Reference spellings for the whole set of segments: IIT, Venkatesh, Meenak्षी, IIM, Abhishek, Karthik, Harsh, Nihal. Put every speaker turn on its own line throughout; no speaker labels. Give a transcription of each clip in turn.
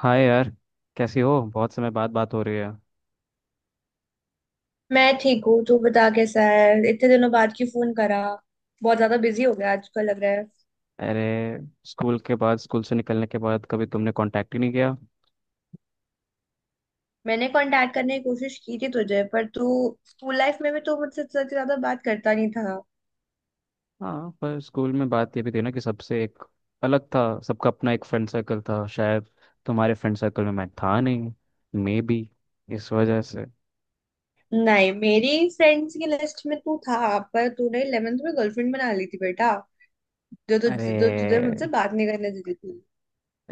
हाय यार। कैसी हो? बहुत समय बाद बात हो रही है।
मैं ठीक हूँ। तू बता कैसा है, इतने दिनों बाद क्यों फोन करा? बहुत ज्यादा बिजी हो गया आजकल लग रहा है।
अरे, स्कूल से निकलने के बाद कभी तुमने कांटेक्ट ही नहीं किया।
मैंने कांटेक्ट करने की कोशिश की थी तुझे, पर तू स्कूल लाइफ में भी तू मुझसे इतना ज्यादा बात करता नहीं था।
हाँ, पर स्कूल में बात ये भी थी ना कि सबसे एक अलग था। सबका अपना एक फ्रेंड सर्कल था शायद। तुम्हारे फ्रेंड सर्कल में मैं था नहीं, मे बी, इस वजह से।
नहीं, मेरी फ्रेंड्स की लिस्ट में तू था, पर तूने 11th में गर्लफ्रेंड बना ली थी बेटा। जो तुझ जो तुझे
अरे
मुझसे बात नहीं करने देती थी।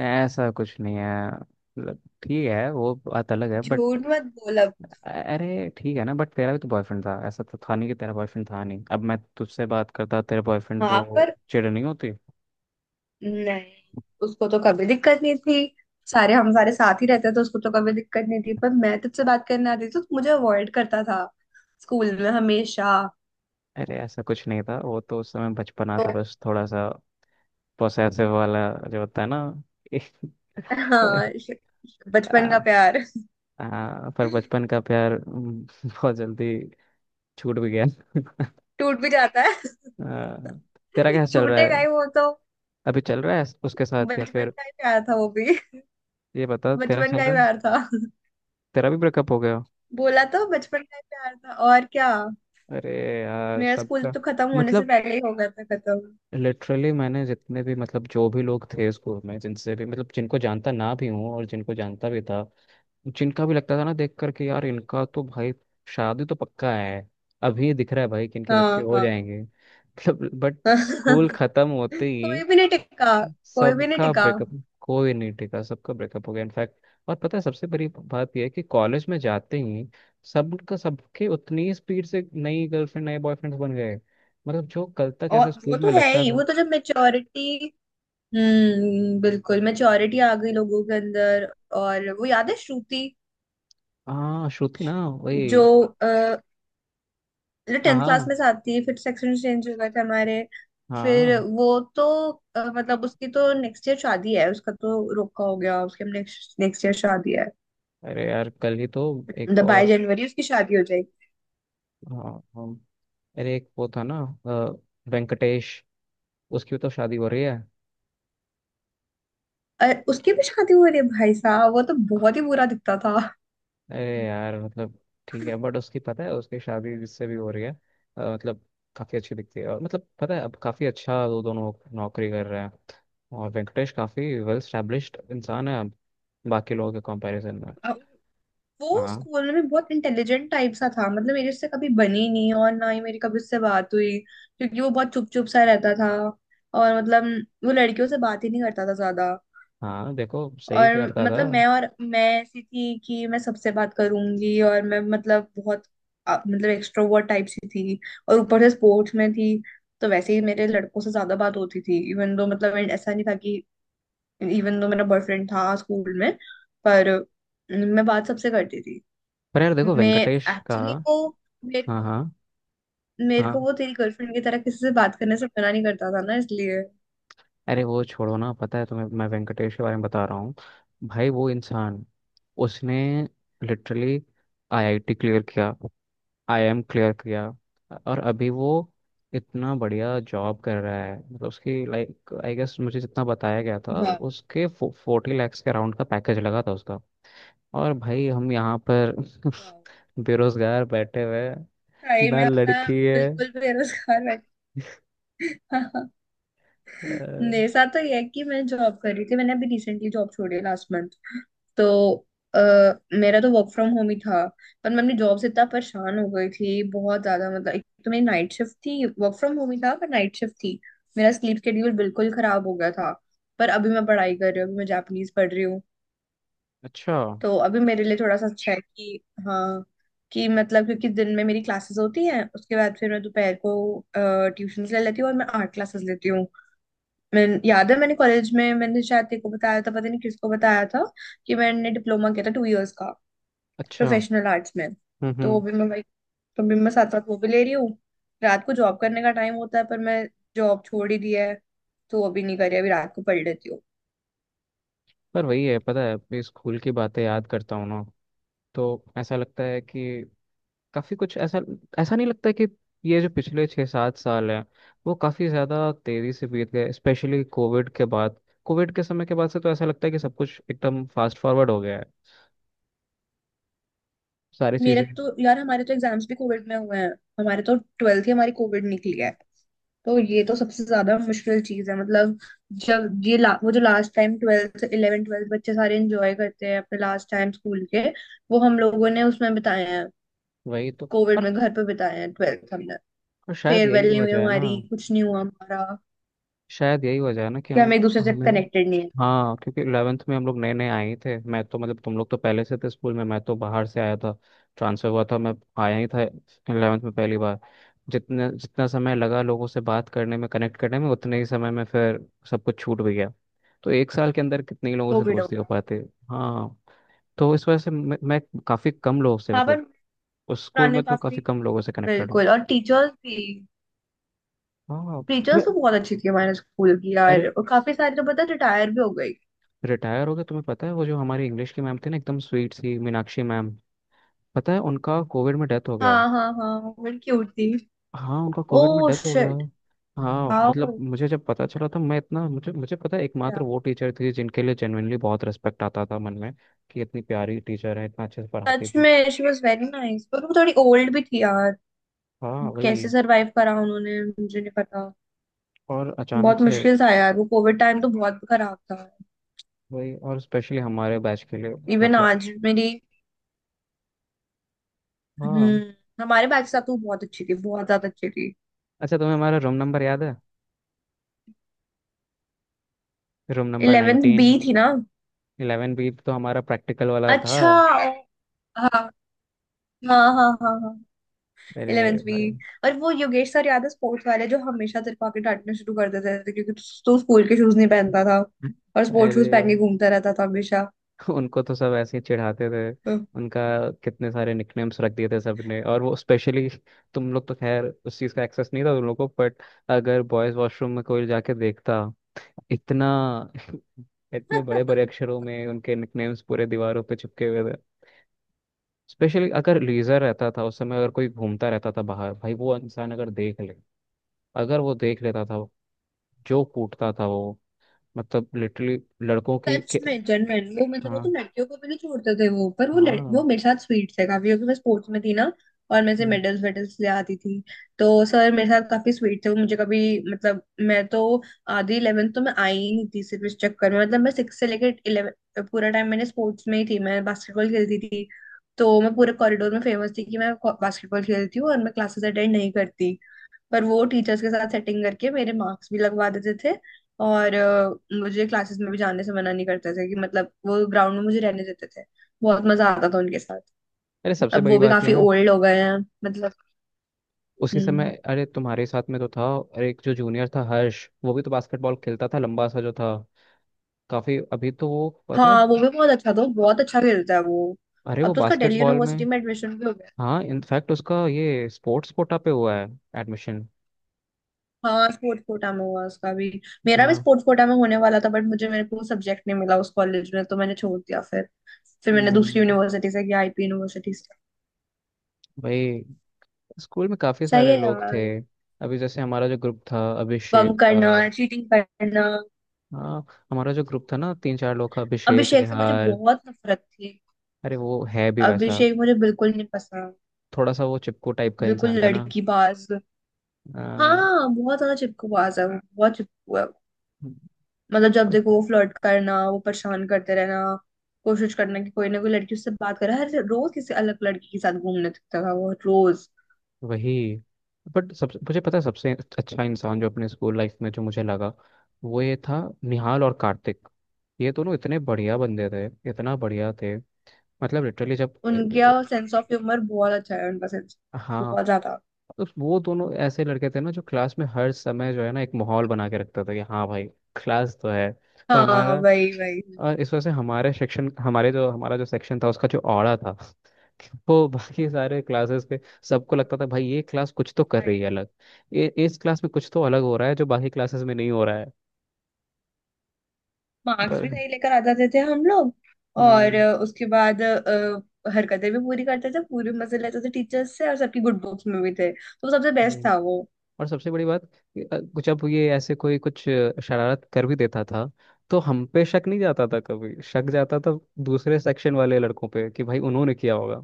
ऐसा कुछ नहीं है, मतलब ठीक है, वो बात अलग है बट।
झूठ मत बोल अब।
अरे ठीक है ना, बट तेरा भी तो बॉयफ्रेंड था। ऐसा तो था नहीं कि तेरा बॉयफ्रेंड था नहीं। अब मैं तुझसे बात करता तेरे बॉयफ्रेंड
हाँ
को
पर
चिढ़ नहीं होती?
नहीं, उसको तो कभी दिक्कत नहीं थी। सारे हम सारे साथ ही रहते तो उसको तो कभी दिक्कत नहीं थी, पर मैं तुझसे बात करने आती थी तो मुझे अवॉइड करता था स्कूल में हमेशा।
अरे ऐसा कुछ नहीं था, वो तो उस समय बचपना
तो
था, बस थोड़ा सा पोसेसिव वाला, जो होता है ना। पर
हाँ श- बचपन का
आ,
प्यार।
पर बचपन का प्यार। बहुत जल्दी छूट भी गया।
टूट भी जाता है।
आ, तेरा क्या चल रहा है?
छूटेगा ही वो तो।
अभी चल रहा है उसके साथ या
बचपन
फिर?
का ही प्यार था वो भी।
ये बता तेरा
बचपन
चल
का ही
रहा है?
प्यार था।
तेरा भी ब्रेकअप हो गया?
बोला तो, बचपन का ही प्यार था और क्या।
अरे यार,
मेरा स्कूल
सबका।
तो खत्म होने से
मतलब
पहले ही हो गया था खत्म।
लिटरली मैंने जितने भी, मतलब, जो भी लोग थे स्कूल में, जिनसे भी, मतलब, जिनको जानता ना भी हूँ और जिनको जानता भी था, जिनका भी लगता था ना देख करके, यार इनका तो भाई शादी तो पक्का है, अभी दिख रहा है भाई कि इनके बच्चे
हाँ
हो
हाँ।
जाएंगे। मतलब बट स्कूल खत्म होते ही
कोई भी नहीं टिका। कोई भी नहीं
सबका
टिका।
ब्रेकअप। कोई नहीं टिका, सबका ब्रेकअप हो गया इनफैक्ट। और पता है सबसे बड़ी बात यह है कि कॉलेज में जाते ही सबका सबके उतनी स्पीड से नई गर्लफ्रेंड नए बॉयफ्रेंड बन गए। मतलब जो कल तक
और
ऐसा
वो
स्कूल में
तो है
लगता
ही,
था।
वो तो जब मेच्योरिटी, हम्म, बिल्कुल मेच्योरिटी आ गई लोगों के अंदर। और वो याद है श्रुति
हाँ श्रुति ना, वही।
जो
हाँ
टेंथ क्लास
हाँ
में साथ थी, फिर सेक्शन चेंज हो गए थे हमारे, फिर
हाँ।
वो तो मतलब उसकी तो नेक्स्ट ईयर शादी है, उसका तो रोका हो गया, उसके नेक्स्ट नेक्स्ट ईयर शादी है।
अरे यार कल ही तो। एक
मतलब बाईस
और,
जनवरी उसकी शादी हो जाएगी।
हाँ हाँ। अरे एक वो था ना, अ, वेंकटेश, उसकी तो शादी हो रही है।
उसकी भी शादी हो रही है भाई साहब। वो तो बहुत ही बुरा दिखता
अरे यार मतलब ठीक है, बट उसकी पता है, उसकी शादी जिससे भी हो रही है, मतलब काफ़ी अच्छी दिखती है। और मतलब पता है अब काफ़ी अच्छा, वो दोनों नौकरी कर रहे हैं। और वेंकटेश काफ़ी वेल स्टैब्लिश्ड इंसान है अब, बाकी लोगों के कंपैरिजन में।
था। वो
हाँ
स्कूल में बहुत इंटेलिजेंट टाइप सा था, मतलब मेरे उससे कभी बनी नहीं और ना ही मेरी कभी उससे बात हुई क्योंकि वो बहुत चुप चुप सा रहता था। और मतलब वो लड़कियों से बात ही नहीं करता था ज्यादा।
हाँ, देखो सही
और
करता था।
मतलब मैं ऐसी थी कि मैं सबसे बात करूंगी और मैं मतलब बहुत, मतलब एक्सट्रोवर्ट टाइप सी थी। और ऊपर से स्पोर्ट्स में थी, तो वैसे ही मेरे लड़कों से ज्यादा बात होती थी। इवन दो मतलब ऐसा नहीं था कि, इवन दो मेरा बॉयफ्रेंड था स्कूल में, पर मैं बात सबसे करती थी।
पर यार देखो
मैं
वेंकटेश का।
एक्चुअली को मेरे
हाँ
को
हाँ
मेरे को
हाँ।
वो तेरी गर्लफ्रेंड की तरह किसी से बात करने से मना नहीं करता था ना, इसलिए।
अरे वो छोड़ो ना, पता है तुम्हें, मैं वेंकटेश के बारे में बता रहा हूँ। भाई वो इंसान, उसने लिटरली आईआईटी क्लियर किया, आईआईएम क्लियर किया। और अभी वो इतना बढ़िया जॉब कर रहा है, मतलब उसकी, लाइक, आई गेस मुझे जितना बताया गया था
वाह।
उसके 40 लाख के अराउंड का पैकेज लगा था उसका। और भाई हम यहाँ पर
वाह,
बेरोजगार बैठे हुए हैं।
सही
ना
में अपना
लड़की है,
बिल्कुल बेरोजगार बैठ।
अ,
मेरे साथ तो ये है कि मैं जॉब कर रही थी, मैंने अभी रिसेंटली जॉब छोड़ी लास्ट मंथ। तो आ, मेरा तो वर्क फ्रॉम होम ही था, पर मैं अपनी जॉब से इतना परेशान हो गई थी बहुत ज्यादा। मतलब एक तो मेरी नाइट शिफ्ट थी, वर्क फ्रॉम होम ही था पर नाइट शिफ्ट थी। मेरा स्लीप शेड्यूल बिल्कुल खराब हो गया था। पर अभी मैं पढ़ाई कर रही हूँ, अभी मैं जापानीज पढ़ रही हूँ।
अच्छा।
तो अभी मेरे लिए थोड़ा सा अच्छा है। अच्छा कि हाँ कि मतलब क्योंकि दिन में मेरी क्लासेस होती हैं, उसके बाद फिर मैं दोपहर को ट्यूशन ले लेती हूँ और मैं आर्ट क्लासेस लेती हूँ। मैं, याद है मैंने कॉलेज में मैंने शायद तेरे को बताया था, पता नहीं किसको बताया था, कि मैंने डिप्लोमा किया था टू इयर्स का
अच्छा।
प्रोफेशनल आर्ट्स में। तो वो
हम्म।
भी मैं भाई, तो भी मैं साथ साथ वो भी ले रही हूँ। रात को जॉब करने का टाइम होता है, पर मैं जॉब छोड़ ही दिया है, तो वो भी नहीं करी अभी, रात को पढ़ लेती हूँ।
पर वही है, पता है अपने स्कूल की बातें याद करता हूँ ना, तो ऐसा लगता है कि काफी कुछ ऐसा, ऐसा नहीं लगता कि ये जो पिछले 6-7 साल हैं वो काफी ज्यादा तेजी से बीत गए, स्पेशली कोविड के बाद। कोविड के समय के बाद से तो ऐसा लगता है कि सब कुछ एकदम फास्ट फॉरवर्ड हो गया है, सारी
मेरे
चीजें।
तो यार हमारे तो एग्जाम्स भी कोविड में हुए हैं। हमारे तो ट्वेल्थ ही हमारी कोविड निकली है। तो ये तो सबसे ज्यादा मुश्किल चीज है। मतलब जब वो जो last time twelfth, eleven twelfth बच्चे सारे एंजॉय करते हैं अपने लास्ट टाइम स्कूल के, वो हम लोगों ने उसमें बिताए हैं,
वही तो।
कोविड
पर
में घर पे बिताए हैं ट्वेल्थ हमने।
शायद
फेयरवेल
यही
नहीं हुई
वजह है ना
हमारी, कुछ नहीं हुआ हमारा।
शायद यही वजह है ना कि
कि हम
हम,
एक दूसरे से
हमें।
कनेक्टेड नहीं है।
हाँ, क्योंकि 11th में हम लोग नए नए आए ही थे, मैं तो मतलब तुम लोग तो पहले से थे स्कूल में, मैं तो बाहर से आया था। ट्रांसफर हुआ था मैं, आया ही था 11th में पहली बार। जितने जितना समय लगा लोगों से बात करने में, कनेक्ट करने में, उतने ही समय में फिर सब कुछ छूट भी गया। तो एक साल के अंदर कितने ही लोगों से
कोविड हो
दोस्ती हो
गया।
पाते? हाँ। तो इस वजह से मैं काफ़ी कम लोगों से,
हाँ पर
मतलब उस स्कूल
पुराने
में तो
काफी,
काफ़ी कम लोगों से कनेक्टेड हूँ।
बिल्कुल। और टीचर्स भी,
हाँ।
टीचर्स
तुम्हें,
तो बहुत अच्छी थी हमारे स्कूल की यार,
अरे
और काफी सारी तो पता रिटायर भी हो गई।
रिटायर हो गए, तुम्हें पता है वो जो हमारी इंग्लिश की मैम थी ना, एकदम स्वीट सी मीनाक्षी मैम, पता है उनका कोविड में डेथ हो गया।
हाँ हाँ हाँ, बड़ी क्यूट थी।
हाँ, उनका
ओ
कोविड में डेथ हो गया।
शिट।
हाँ
वाओ।
मतलब मुझे जब पता चला था मैं इतना, मुझे मुझे पता है एकमात्र वो टीचर थी जिनके लिए जेनुइनली बहुत रिस्पेक्ट आता था मन में, कि इतनी प्यारी टीचर है, इतना अच्छे से पढ़ाती
सच
थी।
में, शी वॉज वेरी नाइस, पर वो थोड़ी ओल्ड भी थी यार।
हाँ
कैसे
वही।
सरवाइव करा उन्होंने मुझे नहीं पता।
और अचानक
बहुत
से।
मुश्किल था यार वो कोविड टाइम तो बहुत खराब था।
वही, और स्पेशली हमारे बैच के लिए।
इवन
मतलब।
आज मेरी,
हाँ।
हम्म, हमारे बैच साथ तो बहुत अच्छी थी, बहुत ज्यादा अच्छी थी।
अच्छा तुम्हें हमारा रूम नंबर याद है? Room number
11th
19।
बी थी ना?
11 बी तो हमारा प्रैक्टिकल वाला था।
अच्छा, हाँ हाँ हाँ हाँ हाँ,
अरे
11th बी।
भाई।
और वो योगेश सर याद है स्पोर्ट्स वाले, जो हमेशा तेरे को आके डांटना शुरू कर देते थे क्योंकि तू स्कूल के शूज नहीं पहनता था और स्पोर्ट्स
अरे।
शूज पहन के घूमता रहता था हमेशा।
उनको तो सब ऐसे ही चिढ़ाते थे। उनका, कितने सारे निकनेम्स रख दिए थे सबने। और वो स्पेशली, तुम लोग तो खैर उस चीज़ का एक्सेस नहीं था तुम लोग को बट, अगर बॉयज वॉशरूम में कोई जाके देखता, इतना इतने बड़े बड़े अक्षरों में उनके निकनेम्स पूरे दीवारों पे चिपके हुए थे। स्पेशली अगर लीजर रहता था उस समय, अगर कोई घूमता रहता था बाहर, भाई वो इंसान अगर देख ले, अगर वो देख लेता था, जो कूटता था वो, मतलब लिटरली लड़कों की
सच
के।
में जनरल वो, मतलब वो तो
हाँ
लड़कियों को भी नहीं छोड़ते थे वो, पर वो लड़, वो
हाँ।
मेरे साथ स्वीट थे काफी क्योंकि मैं स्पोर्ट्स में थी ना। और मैं से
हम्म।
मेडल्स वेडल्स ले आती थी। तो सर मेरे साथ काफी स्वीट थे, वो मुझे कभी मतलब, मैं तो आधी इलेवेंथ तो मैं आई ही नहीं थी सिर्फ इस चक्कर में। मतलब मैं सिक्स से लेकर इलेवन पूरा टाइम मैंने स्पोर्ट्स में ही थी, मैं बास्केटबॉल खेलती थी। तो मैं पूरे कॉरिडोर में फेमस थी कि मैं बास्केटबॉल खेलती हूँ और मैं क्लासेस अटेंड नहीं करती। पर वो टीचर्स के साथ सेटिंग करके मेरे मार्क्स भी लगवा देते थे। और मुझे क्लासेस में भी जाने से मना नहीं करते थे। कि मतलब वो ग्राउंड में मुझे रहने देते थे। बहुत मजा आता था उनके साथ।
अरे सबसे
अब वो
बड़ी
भी
बात यह
काफी
है ना,
ओल्ड हो गए हैं मतलब।
उसी समय।
हम्म।
अरे तुम्हारे साथ में तो था, और एक जो जूनियर था हर्ष, वो भी तो बास्केटबॉल खेलता था, लंबा सा जो था, काफी। अभी तो वो पता है,
हाँ वो भी बहुत अच्छा था, वो बहुत अच्छा खेलता है वो।
अरे
अब
वो
तो उसका दिल्ली
बास्केटबॉल में।
यूनिवर्सिटी में एडमिशन भी हो गया।
हाँ इनफैक्ट उसका ये स्पोर्ट्स कोटा पे हुआ है एडमिशन।
हाँ, स्पोर्ट्स कोटा में हुआ उसका भी। मेरा भी
हाँ।
स्पोर्ट्स कोटा में होने वाला था, बट मुझे मेरे को सब्जेक्ट नहीं मिला उस कॉलेज में, तो मैंने छोड़ दिया फिर। फिर मैंने दूसरी
हम्म,
यूनिवर्सिटी से किया, आईपी यूनिवर्सिटी से।
भाई स्कूल में काफी
सही है
सारे लोग थे।
यार।
अभी जैसे हमारा जो ग्रुप था
बंक
अभिषेक का।
करना, चीटिंग करना।
हाँ, हमारा जो ग्रुप था ना तीन चार लोग का, अभिषेक,
अभिषेक से मुझे
निहाल।
बहुत नफरत थी।
अरे वो है भी वैसा,
अभिषेक मुझे बिल्कुल नहीं पसंद।
थोड़ा सा वो चिपकू टाइप का
बिल्कुल
इंसान था ना।
लड़की बाज। हाँ बहुत ज्यादा चिपकूबाज है वो, बहुत चिपकू है वो। मतलब जब
आ,
देखो वो फ्लर्ट करना, वो परेशान करते रहना, कोशिश करना कि कोई ना कोई लड़की उससे बात करे। हर रोज किसी अलग लड़की के साथ घूमने दिखता था वो रोज।
वही। बट सब मुझे पता है, सबसे अच्छा इंसान जो अपने स्कूल लाइफ में जो मुझे लगा, वो ये था, निहाल और कार्तिक। ये दोनों इतने बढ़िया बंदे थे, इतना बढ़िया थे। मतलब लिटरली जब
उनका सेंस ऑफ ह्यूमर बहुत अच्छा है, उनका सेंस
हाँ।
बहुत ज्यादा।
तो वो दोनों ऐसे लड़के थे ना, जो क्लास में हर समय जो है ना एक माहौल बना के रखते थे कि हाँ भाई क्लास तो है। और
हाँ
हमारा,
वही वही।
और इस वजह से हमारे सेक्शन हमारे जो हमारा जो सेक्शन था उसका जो औड़ा था, वो बाकी सारे क्लासेस के। सबको लगता था भाई ये क्लास कुछ तो कर रही है अलग, ये इस क्लास में कुछ तो अलग हो रहा है जो बाकी क्लासेस में नहीं हो रहा है।
मार्क्स भी
पर
सही लेकर आ जाते थे हम लोग। और
हाँ,
उसके बाद हरकतें भी पूरी करते थे, पूरे मजे लेते थे टीचर्स से, और सबकी गुड बुक्स में भी थे, तो सबसे बेस्ट
वही।
था वो।
और सबसे बड़ी बात कि, कुछ अब ये ऐसे कोई कुछ शरारत कर भी देता था, तो हम पे शक नहीं जाता था, कभी शक जाता था दूसरे सेक्शन वाले लड़कों पे कि भाई उन्होंने किया होगा।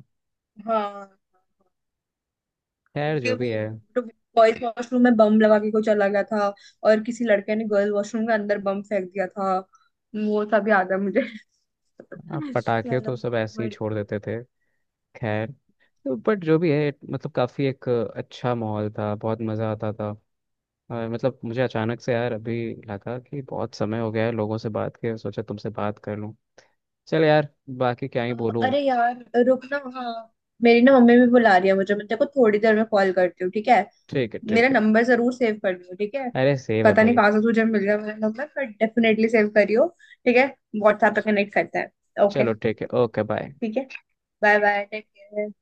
हाँ
खैर
क्योंकि
जो भी है।
वो बॉयज वॉशरूम में बम लगा के कोई चला गया था, और किसी लड़के ने गर्ल वॉशरूम के अंदर बम फेंक दिया था, वो सब याद है मुझे।
अब पटाखे
चलो,
तो सब ऐसे ही
बढ़िया।
छोड़ देते थे। खैर, तो बट जो भी है, मतलब काफ़ी एक अच्छा माहौल था, बहुत मज़ा आता था। और मतलब मुझे अचानक से यार अभी लगा कि बहुत समय हो गया है लोगों से बात किए, सोचा तुमसे बात कर लूँ। चल यार, बाकी क्या ही
अ,
बोलूँ।
अरे यार रुक ना, हाँ। मेरी ना मम्मी भी बुला रही है मुझे, मैं तेरे को थोड़ी देर में कॉल करती हूँ, ठीक है?
ठीक है,
मेरा
ठीक है।
नंबर जरूर सेव कर लियो, ठीक है?
अरे सेव है
पता नहीं
भाई।
कहाँ से तुझे मिल गया मेरा नंबर, पर डेफिनेटली सेव करियो। ठीक है। व्हाट्सएप पे कनेक्ट करते हैं, ओके?
चलो ठीक है, ओके बाय।
ठीक है। Bye bye, take care.